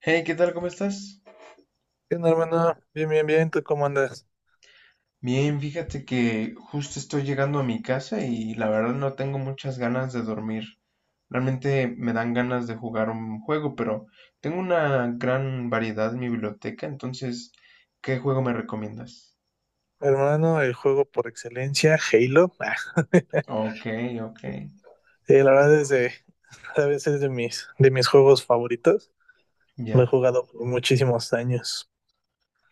Hey, ¿qué tal? ¿Cómo estás? ¿Qué onda, hermano? Bien, bien, bien. ¿Tú cómo andas? Bien, fíjate que justo estoy llegando a mi casa y la verdad no tengo muchas ganas de dormir. Realmente me dan ganas de jugar un juego, pero tengo una gran variedad en mi biblioteca, entonces, ¿qué juego me recomiendas? Hermano, el juego por excelencia, Halo. Ok, ok, Sí, la verdad es de, a veces de mis juegos favoritos. Lo he ya, jugado por muchísimos años.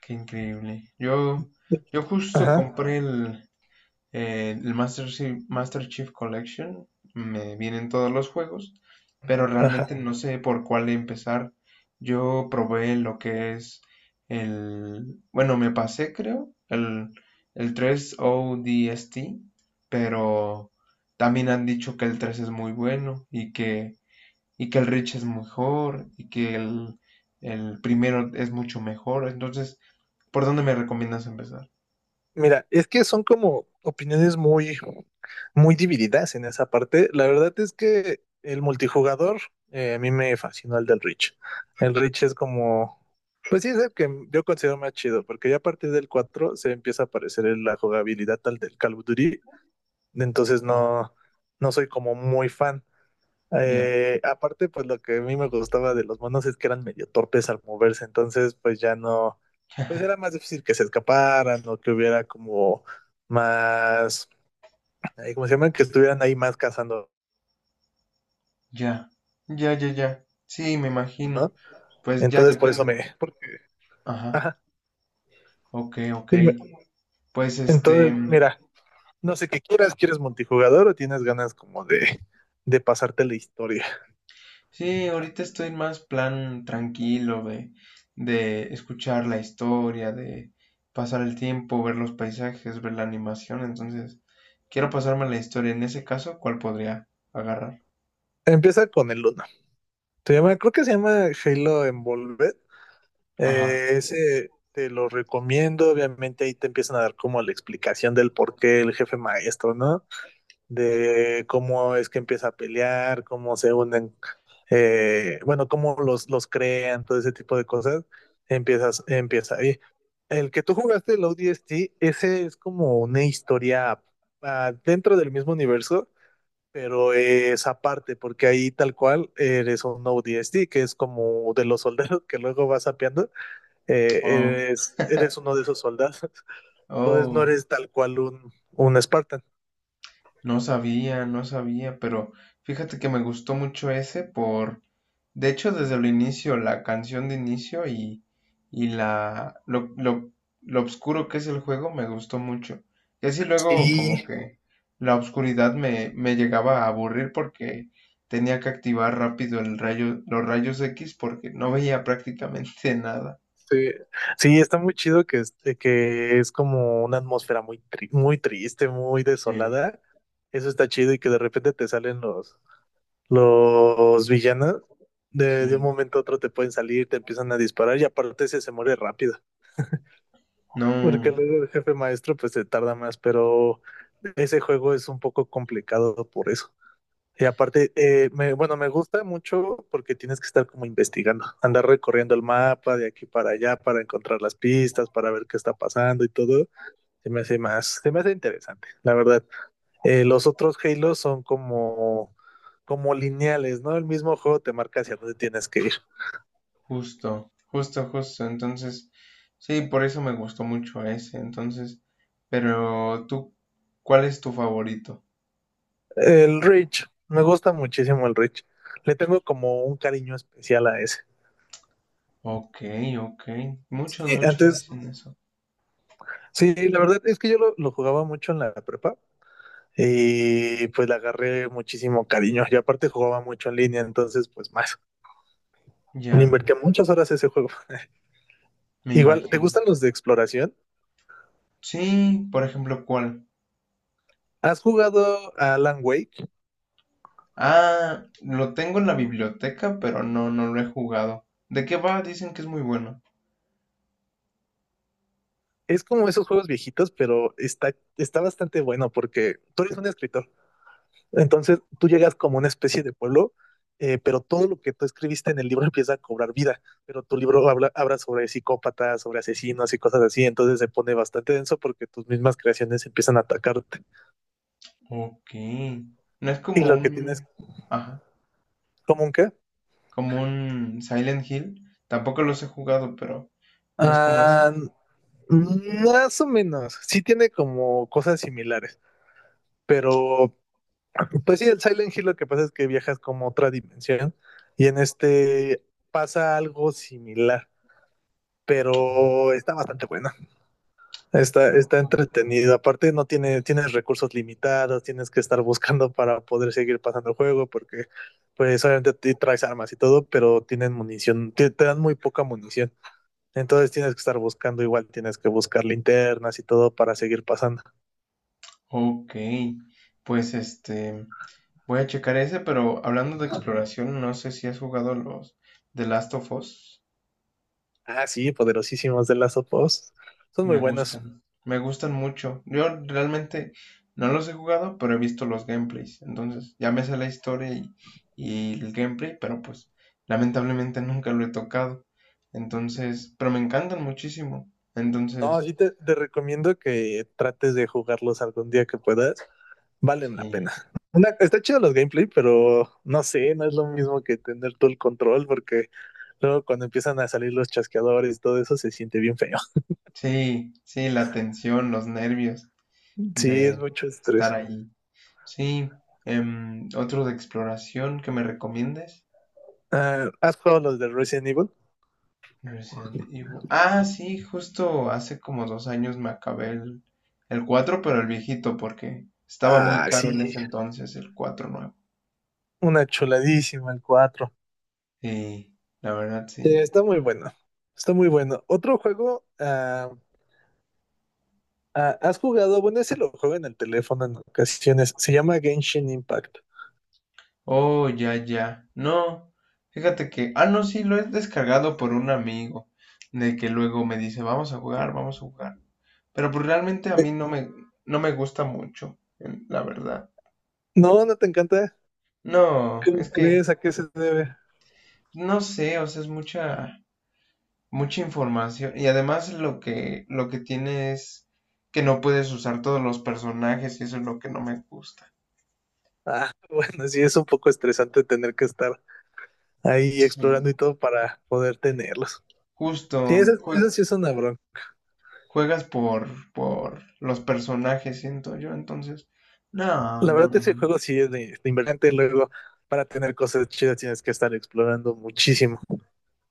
qué increíble. Yo justo Ajá, compré el Master Chief, Master Chief Collection, me vienen todos los juegos, pero realmente ajá. no sé por cuál empezar. Yo probé lo que es bueno, me pasé creo, el 3 ODST, pero también han dicho que el 3 es muy bueno y que el Rich es mejor y que el primero es mucho mejor. Entonces, ¿por dónde me recomiendas empezar? Mira, es que son como opiniones muy divididas en esa parte. La verdad es que el multijugador, a mí me fascinó el del Reach. El Reach es como, pues sí, es el que yo considero más chido, porque ya a partir del 4 se empieza a parecer la jugabilidad tal del Call of Duty, entonces Oh, no, no soy como muy fan. ya. Aparte, pues lo que a mí me gustaba de los monos es que eran medio torpes al moverse, entonces pues ya no, pues era más difícil que se escaparan o que hubiera como más, ¿cómo se llama? Que estuvieran ahí más cazando, Ya, ya, ya, ya. Sí, me imagino. ¿no? Pues ya Entonces por eso depende. Porque, Ajá, ajá, ok, ok. sí, me- Pues este, entonces, mira, no sé qué quieras, ¿quieres multijugador o tienes ganas como de pasarte la historia? sí, ahorita estoy en más plan tranquilo de escuchar la historia, de pasar el tiempo, ver los paisajes, ver la animación. Entonces, quiero pasarme la historia. En ese caso, ¿cuál podría agarrar? Empieza con el uno. Se llama, creo que se llama Halo Envolved. Ajá. Ese te lo recomiendo, obviamente ahí te empiezan a dar como la explicación del por qué el jefe maestro, ¿no? De cómo es que empieza a pelear, cómo se unen, bueno, cómo los crean, todo ese tipo de cosas, empieza ahí. El que tú jugaste, el ODST, ese es como una historia dentro del mismo universo, pero es aparte, porque ahí tal cual eres un ODST, que es como de los soldados que luego vas sapeando, Oh, eres uno de esos soldados. Entonces no oh, eres tal cual un Spartan. no sabía, no sabía, pero fíjate que me gustó mucho ese por. De hecho, desde el inicio, la canción de inicio y lo oscuro que es el juego me gustó mucho. Y así luego Sí, como que la oscuridad me llegaba a aburrir porque tenía que activar rápido los rayos X porque no veía prácticamente nada. sí, sí, está muy chido que es como una atmósfera muy triste, muy Sí. desolada. Eso está chido y que de repente te salen los villanos. De un Sí, momento a otro te pueden salir, te empiezan a disparar y aparte ese se muere rápido. Porque no, luego el jefe maestro pues se tarda más, pero ese juego es un poco complicado por eso. Y aparte, bueno, me gusta mucho porque tienes que estar como investigando, andar recorriendo el mapa de aquí para allá para encontrar las pistas, para ver qué está pasando y todo. Se me hace interesante, la verdad. Los otros Halo son como, como lineales, ¿no? El mismo juego te marca hacia dónde tienes que ir. justo, justo, justo. Entonces, sí, por eso me gustó mucho ese. Entonces, pero tú, ¿cuál es tu favorito? El Reach, me gusta muchísimo el Reach. Le tengo como un cariño especial a ese. Ok, ok. Muchos, muchos Era Antes, dicen eso. sí, la verdad es que yo lo jugaba mucho en la prepa y pues le agarré muchísimo cariño. Y aparte jugaba mucho en línea, entonces pues más. Le Ya, invertí muchas horas a ese juego. me Igual, ¿te imagino. gustan los de exploración? Sí, por ejemplo, ¿cuál? ¿Has jugado a Alan Wake? Ah, lo tengo en la biblioteca, pero no, no lo he jugado. ¿De qué va? Dicen que es muy bueno. Es como esos juegos viejitos, pero está bastante bueno porque tú eres un escritor. Entonces tú llegas como una especie de pueblo, pero todo lo que tú escribiste en el libro empieza a cobrar vida. Pero tu libro habla sobre psicópatas, sobre asesinos y cosas así. Entonces se pone bastante denso porque tus mismas creaciones empiezan a atacarte. Ok. No es Y como lo que tienes un... Ajá, ¿Cómo un qué? como un Silent Hill. Tampoco los he jugado, pero no es como ese. Ah, más o menos. Sí tiene como cosas similares. Pero, pues sí, el Silent Hill lo que pasa es que viajas como a otra dimensión. Y en este pasa algo similar. Pero está bastante buena. Oh, Está entretenido. Aparte, no tiene, tienes recursos limitados, tienes que estar buscando para poder seguir pasando el juego, porque pues obviamente te traes armas y todo, pero tienen munición, te dan muy poca munición. Entonces tienes que estar buscando, igual tienes que buscar linternas y todo para seguir pasando. ok, pues este, voy a checar ese, pero hablando de exploración, no sé si has jugado los The Last of Us. Ah, sí, poderosísimos de las opos. Son muy buenos. Me gustan mucho. Yo realmente no los he jugado, pero he visto los gameplays. Entonces, ya me sé la historia y el gameplay, pero pues lamentablemente nunca lo he tocado. Entonces, pero me encantan muchísimo. No, Entonces, sí te recomiendo que trates de jugarlos algún día que puedas. Valen la sí, pena. Una, está chido los gameplay, pero no sé, no es lo mismo que tener todo el control porque luego cuando empiezan a salir los chasqueadores y todo eso se siente bien feo. sí, sí, la tensión, los nervios Sí, es de mucho estar estrés. ahí. Sí, otro de exploración que me recomiendes. Ah, ¿has jugado los de Resident Evil? Resident Evil. Ah, sí, justo hace como 2 años me acabé el cuatro, pero el viejito, porque estaba muy Ah, caro sí, en ese entonces el 4 nuevo. una chuladísima el 4. Sí, la verdad sí. Está muy bueno, está muy bueno. Otro juego, ¿has jugado? Bueno, ese lo juego en el teléfono en ocasiones. Se llama Genshin Impact. Oh, ya, ya. No, fíjate que. Ah, no, sí, lo he descargado por un amigo, de que luego me dice, vamos a jugar, vamos a jugar. Pero pues realmente a Eh, mí no me gusta mucho, la verdad. no, no te encanta. No, ¿Cómo es que, crees? ¿A qué se debe? no sé, o sea, es mucha información. Y además lo que tiene es que no puedes usar todos los personajes y eso es lo que no me gusta. Ah, bueno, sí, es un poco estresante tener que estar ahí Sí. explorando y todo para poder tenerlos. Justo Sí, eso, eso sí es una bronca. juegas por los personajes, siento yo, entonces. No, La no, verdad, no, ese no. juego sí es de invergente. Luego, para tener cosas chidas tienes que estar explorando muchísimo.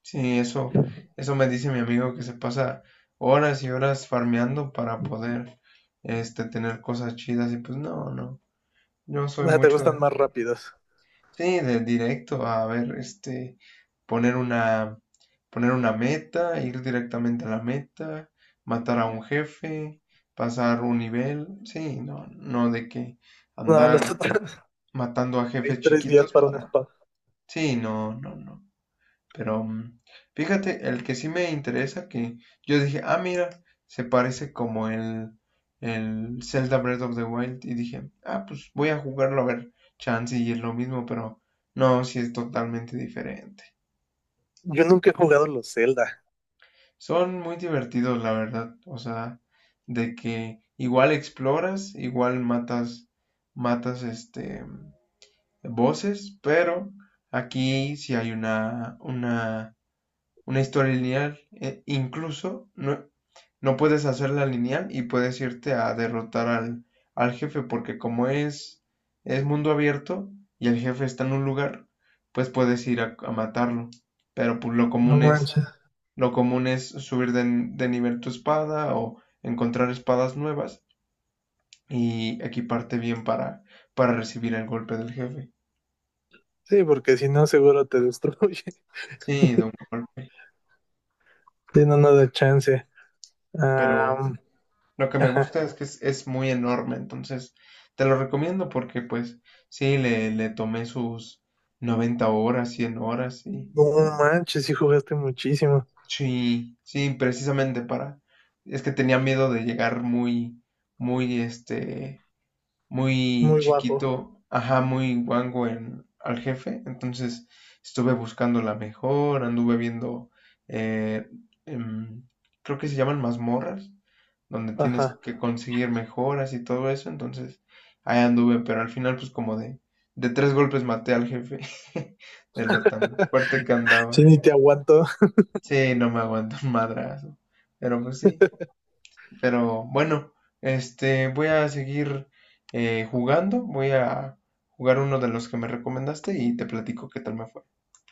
Sí, eso me dice mi amigo que se pasa horas y horas farmeando para poder este tener cosas chidas y pues no, no. Yo soy O sea, te mucho gustan de. más rápidos. Sí, de directo a ver, este, poner una, poner una meta, ir directamente a la meta, matar a un jefe, pasar un nivel, sí, no, no de que No, andar los otros matando a hay jefes tres días chiquitos para un para, spa. sí, no, no, no. Pero fíjate, el que sí me interesa, que yo dije, ah, mira, se parece como el Zelda Breath of the Wild. Y dije, ah, pues voy a jugarlo a ver, chance y es lo mismo, pero no, sí es totalmente diferente. Yo nunca he jugado los Zelda. Son muy divertidos, la verdad. O sea, de que igual exploras, igual matas voces, pero aquí sí hay una, una historia lineal. E incluso no, puedes hacerla lineal y puedes irte a derrotar al jefe, porque como es mundo abierto y el jefe está en un lugar, pues puedes ir a matarlo. Pero pues lo No común es, manches. lo común es subir de nivel tu espada o encontrar espadas nuevas y equiparte bien para recibir el golpe del jefe. Sí, porque si no, seguro te destruye. Sí, de un golpe. Tiene nada de chance. Pero Am, lo que me ajá. gusta es que es muy enorme, entonces te lo recomiendo porque pues sí, le tomé sus 90 horas, 100 horas y No manches, sí jugaste muchísimo. sí, sí, precisamente para... Es que tenía miedo de llegar muy, muy, este, muy Muy guapo. chiquito, ajá, muy guango al jefe. Entonces estuve buscando la mejor, anduve viendo, eh, em, creo que se llaman mazmorras, donde tienes Ajá. que conseguir mejoras y todo eso. Entonces ahí anduve, pero al final pues como de, tres golpes maté al jefe de lo tan fuerte que andaba. Sí, ni te aguanto. Sí, no me aguanto un madrazo. Pero pues sí. Pero bueno, este, voy a seguir jugando. Voy a jugar uno de los que me recomendaste y te platico qué tal me fue.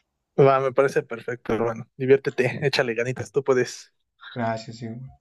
Va, me parece perfecto, hermano. Diviértete, échale ganitas, tú puedes. Gracias, Hugo.